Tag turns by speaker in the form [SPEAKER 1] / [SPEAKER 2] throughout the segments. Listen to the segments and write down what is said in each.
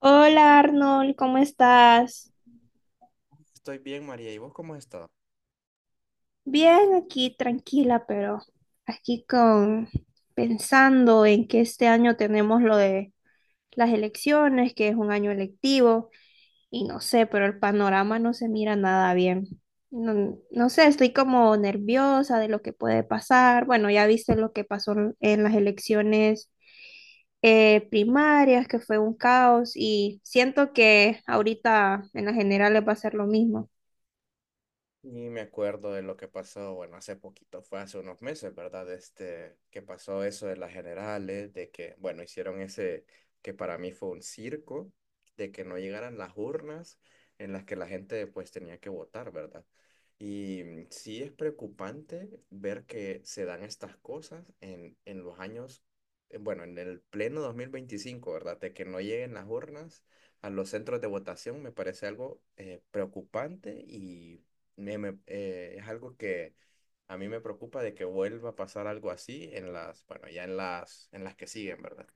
[SPEAKER 1] Hola Arnold, ¿cómo estás?
[SPEAKER 2] Estoy bien, María. ¿Y vos cómo has estado?
[SPEAKER 1] Bien, aquí tranquila, pero aquí con pensando en que este año tenemos lo de las elecciones, que es un año electivo, y no sé, pero el panorama no se mira nada bien. No, no sé, estoy como nerviosa de lo que puede pasar. Bueno, ya viste lo que pasó en las elecciones primarias, que fue un caos, y siento que ahorita en las generales va a ser lo mismo.
[SPEAKER 2] Y me acuerdo de lo que pasó, bueno, hace poquito, fue hace unos meses, ¿verdad? Este, que pasó eso de las generales, de que, bueno, hicieron ese, que para mí fue un circo, de que no llegaran las urnas en las que la gente pues tenía que votar, ¿verdad? Y sí es preocupante ver que se dan estas cosas en los años, bueno, en el pleno 2025, ¿verdad? De que no lleguen las urnas a los centros de votación me parece algo preocupante y es algo que a mí me preocupa de que vuelva a pasar algo así en las, bueno, ya en las que siguen, ¿verdad?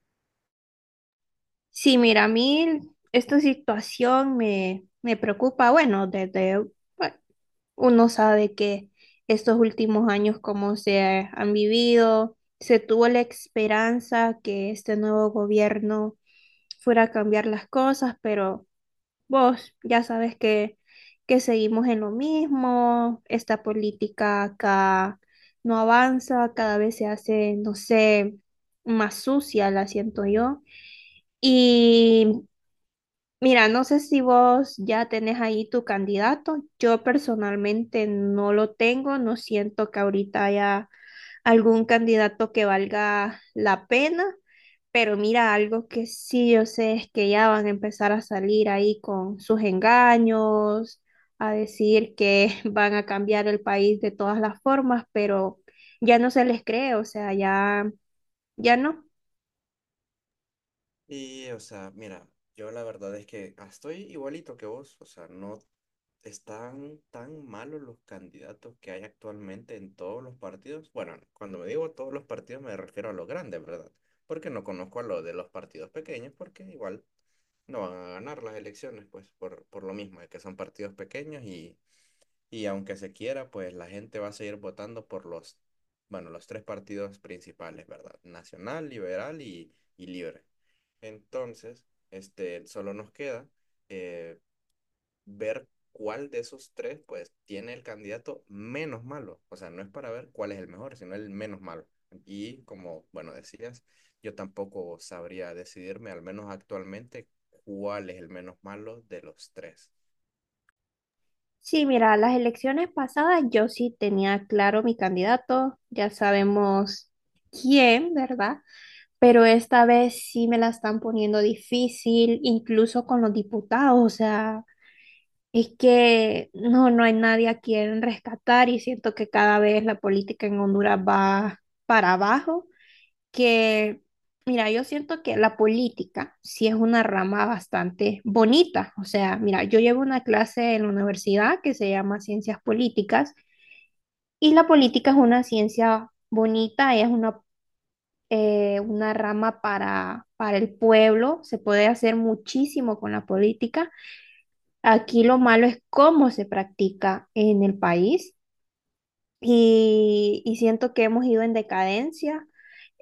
[SPEAKER 1] Sí, mira, a mí esta situación me, me preocupa. Bueno, desde, bueno, uno sabe que estos últimos años, como se han vivido, se tuvo la esperanza que este nuevo gobierno fuera a cambiar las cosas, pero vos ya sabes que seguimos en lo mismo, esta política acá no avanza, cada vez se hace, no sé, más sucia, la siento yo. Y mira, no sé si vos ya tenés ahí tu candidato. Yo personalmente no lo tengo, no siento que ahorita haya algún candidato que valga la pena, pero mira, algo que sí yo sé es que ya van a empezar a salir ahí con sus engaños, a decir que van a cambiar el país de todas las formas, pero ya no se les cree, o sea, ya, ya no.
[SPEAKER 2] Y, o sea, mira, yo la verdad es que estoy igualito que vos, o sea, no están tan malos los candidatos que hay actualmente en todos los partidos. Bueno, cuando me digo todos los partidos me refiero a los grandes, ¿verdad? Porque no conozco a los de los partidos pequeños, porque igual no van a ganar las elecciones, pues por lo mismo, de que son partidos pequeños y aunque se quiera, pues la gente va a seguir votando por los, bueno, los tres partidos principales, ¿verdad? Nacional, Liberal y Libre. Entonces, este, solo nos queda eh, ver cuál de esos tres, pues, tiene el candidato menos malo. O sea, no es para ver cuál es el mejor, sino el menos malo. Y como, bueno, decías, yo tampoco sabría decidirme, al menos actualmente, cuál es el menos malo de los tres.
[SPEAKER 1] Sí, mira, las elecciones pasadas yo sí tenía claro mi candidato, ya sabemos quién, ¿verdad? Pero esta vez sí me la están poniendo difícil, incluso con los diputados, o sea, es que no, no hay nadie a quien rescatar, y siento que cada vez la política en Honduras va para abajo. Que, mira, yo siento que la política sí es una rama bastante bonita. O sea, mira, yo llevo una clase en la universidad que se llama Ciencias Políticas, y la política es una ciencia bonita, es una rama para el pueblo, se puede hacer muchísimo con la política. Aquí lo malo es cómo se practica en el país. Y, y siento que hemos ido en decadencia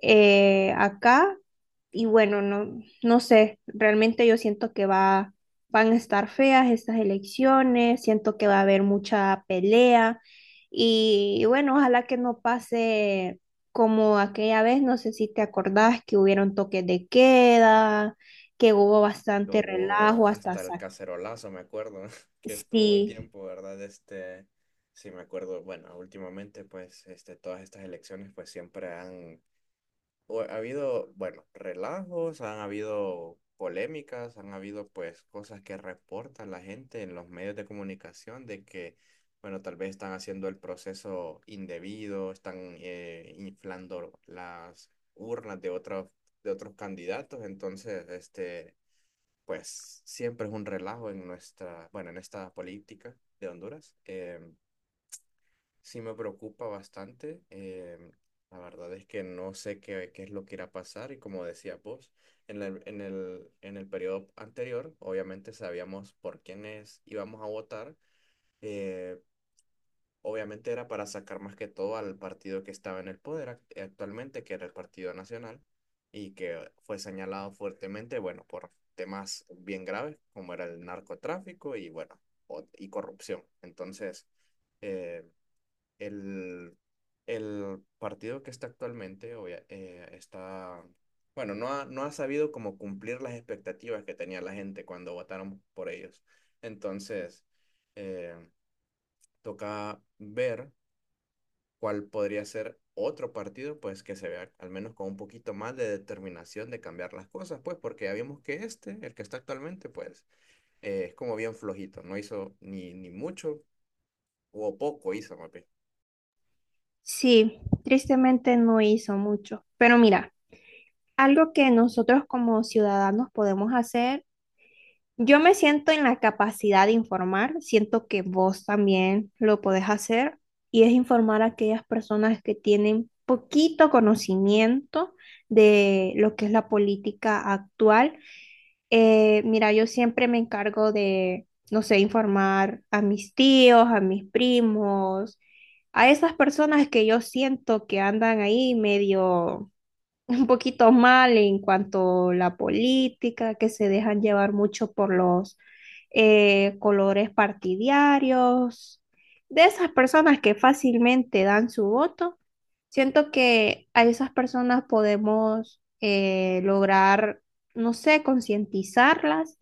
[SPEAKER 1] acá, y bueno, no, no sé, realmente yo siento que va, van a estar feas estas elecciones, siento que va a haber mucha pelea y, bueno, ojalá que no pase como aquella vez, no sé si te acordás que hubieron toques de queda, que hubo
[SPEAKER 2] Que
[SPEAKER 1] bastante
[SPEAKER 2] hubo
[SPEAKER 1] relajo hasta
[SPEAKER 2] hasta el cacerolazo, me acuerdo, que estuvo un
[SPEAKER 1] Sí,
[SPEAKER 2] tiempo, ¿verdad? Este, sí, me acuerdo, bueno, últimamente, pues, este, todas estas elecciones, pues, siempre han, o ha habido, bueno, relajos, han habido polémicas, han habido, pues, cosas que reporta la gente en los medios de comunicación de que, bueno, tal vez están haciendo el proceso indebido, están inflando las urnas de otros candidatos, entonces, este pues siempre es un relajo en nuestra, bueno, en esta política de Honduras. Sí me preocupa bastante. La verdad es que no sé qué es lo que irá a pasar y como decía vos, en el periodo anterior, obviamente sabíamos por quiénes íbamos a votar. eh, Obviamente era para sacar más que todo al partido que estaba en el poder actualmente, que era el Partido Nacional, y que fue señalado fuertemente, bueno, por temas bien graves, como era el narcotráfico y, bueno, y corrupción. Entonces, eh, el, el partido que está actualmente está, bueno, no ha sabido como cumplir las expectativas que tenía la gente cuando votaron por ellos. Entonces, eh, toca ver cuál podría ser otro partido, pues que se vea al menos con un poquito más de determinación de cambiar las cosas, pues porque ya vimos que este, el que está actualmente, pues es como bien flojito, no hizo ni mucho o poco hizo, más bien.
[SPEAKER 1] sí, tristemente no hizo mucho, pero mira. Algo que nosotros como ciudadanos podemos hacer, yo me siento en la capacidad de informar, siento que vos también lo podés hacer, y es informar a aquellas personas que tienen poquito conocimiento de lo que es la política actual. Mira, yo siempre me encargo de, no sé, informar a mis tíos, a mis primos, a esas personas que yo siento que andan ahí medio un poquito mal en cuanto a la política, que se dejan llevar mucho por los colores partidarios, de esas personas que fácilmente dan su voto. Siento que a esas personas podemos lograr, no sé, concientizarlas.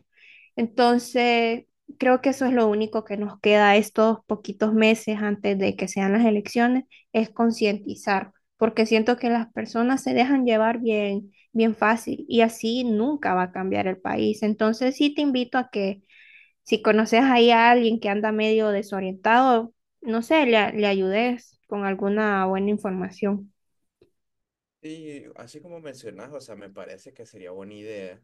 [SPEAKER 1] Entonces, creo que eso es lo único que nos queda estos poquitos meses antes de que sean las elecciones, es concientizar, porque siento que las personas se dejan llevar bien, bien fácil y así nunca va a cambiar el país. Entonces, sí te invito a que si conoces ahí a alguien que anda medio desorientado, no sé, le, le ayudes con alguna buena información.
[SPEAKER 2] Sí, así como mencionas, o sea, me parece que sería buena idea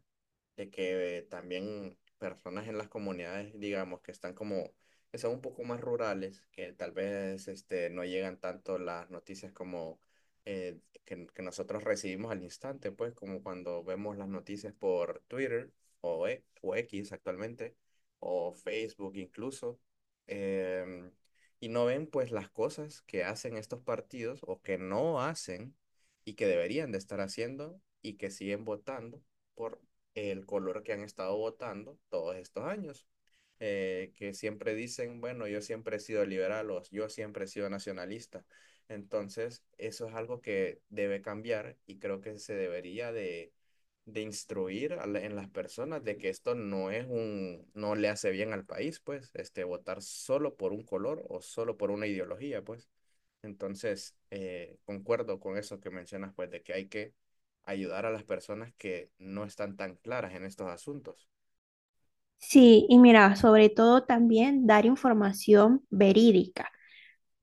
[SPEAKER 2] de que también personas en las comunidades, digamos, que están como, que son un poco más rurales, que tal vez este, no llegan tanto las noticias como que nosotros recibimos al instante, pues como cuando vemos las noticias por Twitter o X actualmente, o Facebook incluso. em, y no ven pues las cosas que hacen estos partidos o que no hacen y que deberían de estar haciendo y que siguen votando por el color que han estado votando todos estos años. Que siempre dicen, bueno, yo siempre he sido liberal o yo siempre he sido nacionalista. Entonces, eso es algo que debe cambiar y creo que se debería de instruir a en las personas de que esto no es un, no le hace bien al país, pues, este, votar solo por un color o solo por una ideología, pues. Entonces, concuerdo con eso que mencionas, pues, de que hay que ayudar a las personas que no están tan claras en estos asuntos.
[SPEAKER 1] Sí, y mira, sobre todo también dar información verídica,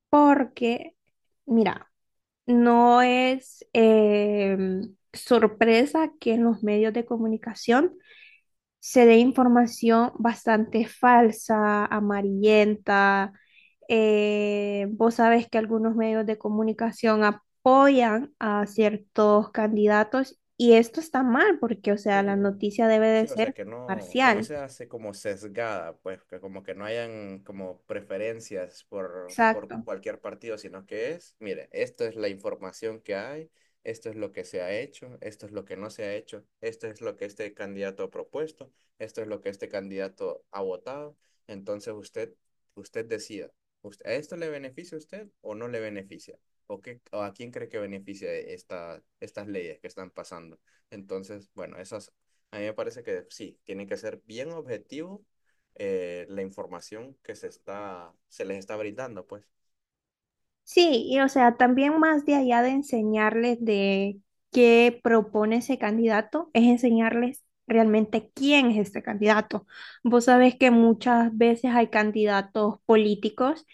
[SPEAKER 1] porque, mira, no es sorpresa que en los medios de comunicación se dé información bastante falsa, amarillenta. Vos sabés que algunos medios de comunicación apoyan a ciertos candidatos y esto está mal porque, o sea, la
[SPEAKER 2] Sí.
[SPEAKER 1] noticia debe de
[SPEAKER 2] Sí, o
[SPEAKER 1] ser
[SPEAKER 2] sea, que no
[SPEAKER 1] parcial.
[SPEAKER 2] se hace como sesgada, pues, que como que no hayan como preferencias por
[SPEAKER 1] Exacto.
[SPEAKER 2] cualquier partido, sino que es, mire, esto es la información que hay, esto es lo que se ha hecho, esto es lo que no se ha hecho, esto es lo que este candidato ha propuesto, esto es lo que este candidato ha votado. Entonces usted, usted decida. ¿A esto le beneficia a usted o no le beneficia? ¿O qué, o a quién cree que beneficia esta, estas leyes que están pasando? Entonces, bueno, esas a mí me parece que sí, tiene que ser bien objetivo, la información que se está, se les está brindando, pues.
[SPEAKER 1] Sí, y o sea, también más de allá de enseñarles de qué propone ese candidato, es enseñarles realmente quién es este candidato. Vos sabés que muchas veces hay candidatos políticos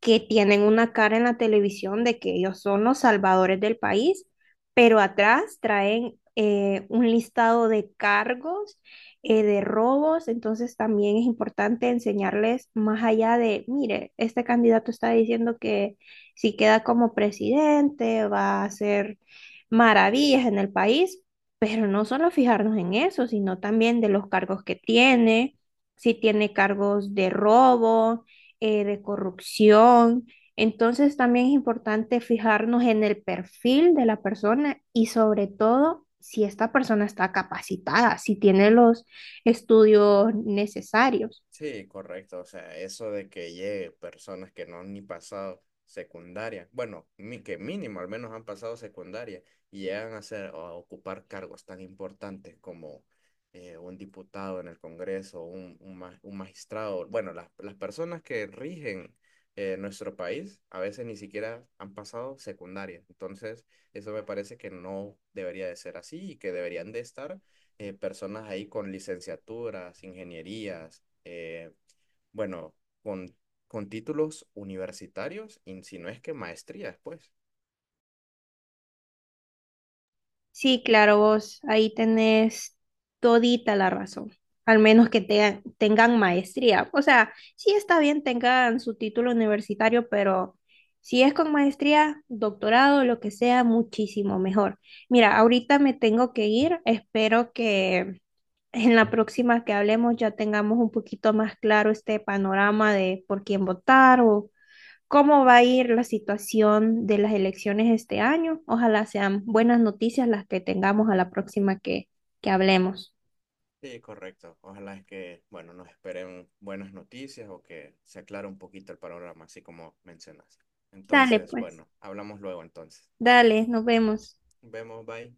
[SPEAKER 1] que tienen una cara en la televisión de que ellos son los salvadores del país, pero atrás traen un listado de cargos, de robos, entonces también es importante enseñarles más allá de, mire, este candidato está diciendo que si queda como presidente, va a hacer maravillas en el país, pero no solo fijarnos en eso, sino también de los cargos que tiene, si tiene cargos de robo, de corrupción. Entonces también es importante fijarnos en el perfil de la persona y sobre todo si esta persona está capacitada, si tiene los estudios necesarios.
[SPEAKER 2] Sí, correcto. O sea, eso de que llegue personas que no han ni pasado secundaria, bueno, que mínimo al menos han pasado secundaria y llegan a ser o a ocupar cargos tan importantes como un diputado en el Congreso, un magistrado. Bueno, las personas que rigen nuestro país a veces ni siquiera han pasado secundaria. Entonces, eso me parece que no debería de ser así y que deberían de estar personas ahí con licenciaturas, ingenierías, eh, bueno, con, con títulos universitarios, y si no es que maestrías, pues.
[SPEAKER 1] Sí, claro, vos ahí tenés todita la razón, al menos que tengan maestría. O sea, sí está bien tengan su título universitario, pero si es con maestría, doctorado, lo que sea, muchísimo mejor. Mira, ahorita me tengo que ir, espero que en la próxima que hablemos ya tengamos un poquito más claro este panorama de por quién votar o cómo va a ir la situación de las elecciones este año. Ojalá sean buenas noticias las que tengamos a la próxima que hablemos.
[SPEAKER 2] Sí, correcto. Ojalá es que, bueno, nos esperen buenas noticias o que se aclare un poquito el panorama, así como mencionas.
[SPEAKER 1] Dale,
[SPEAKER 2] Entonces,
[SPEAKER 1] pues,
[SPEAKER 2] bueno, hablamos luego entonces.
[SPEAKER 1] dale, nos vemos.
[SPEAKER 2] Vemos, bye.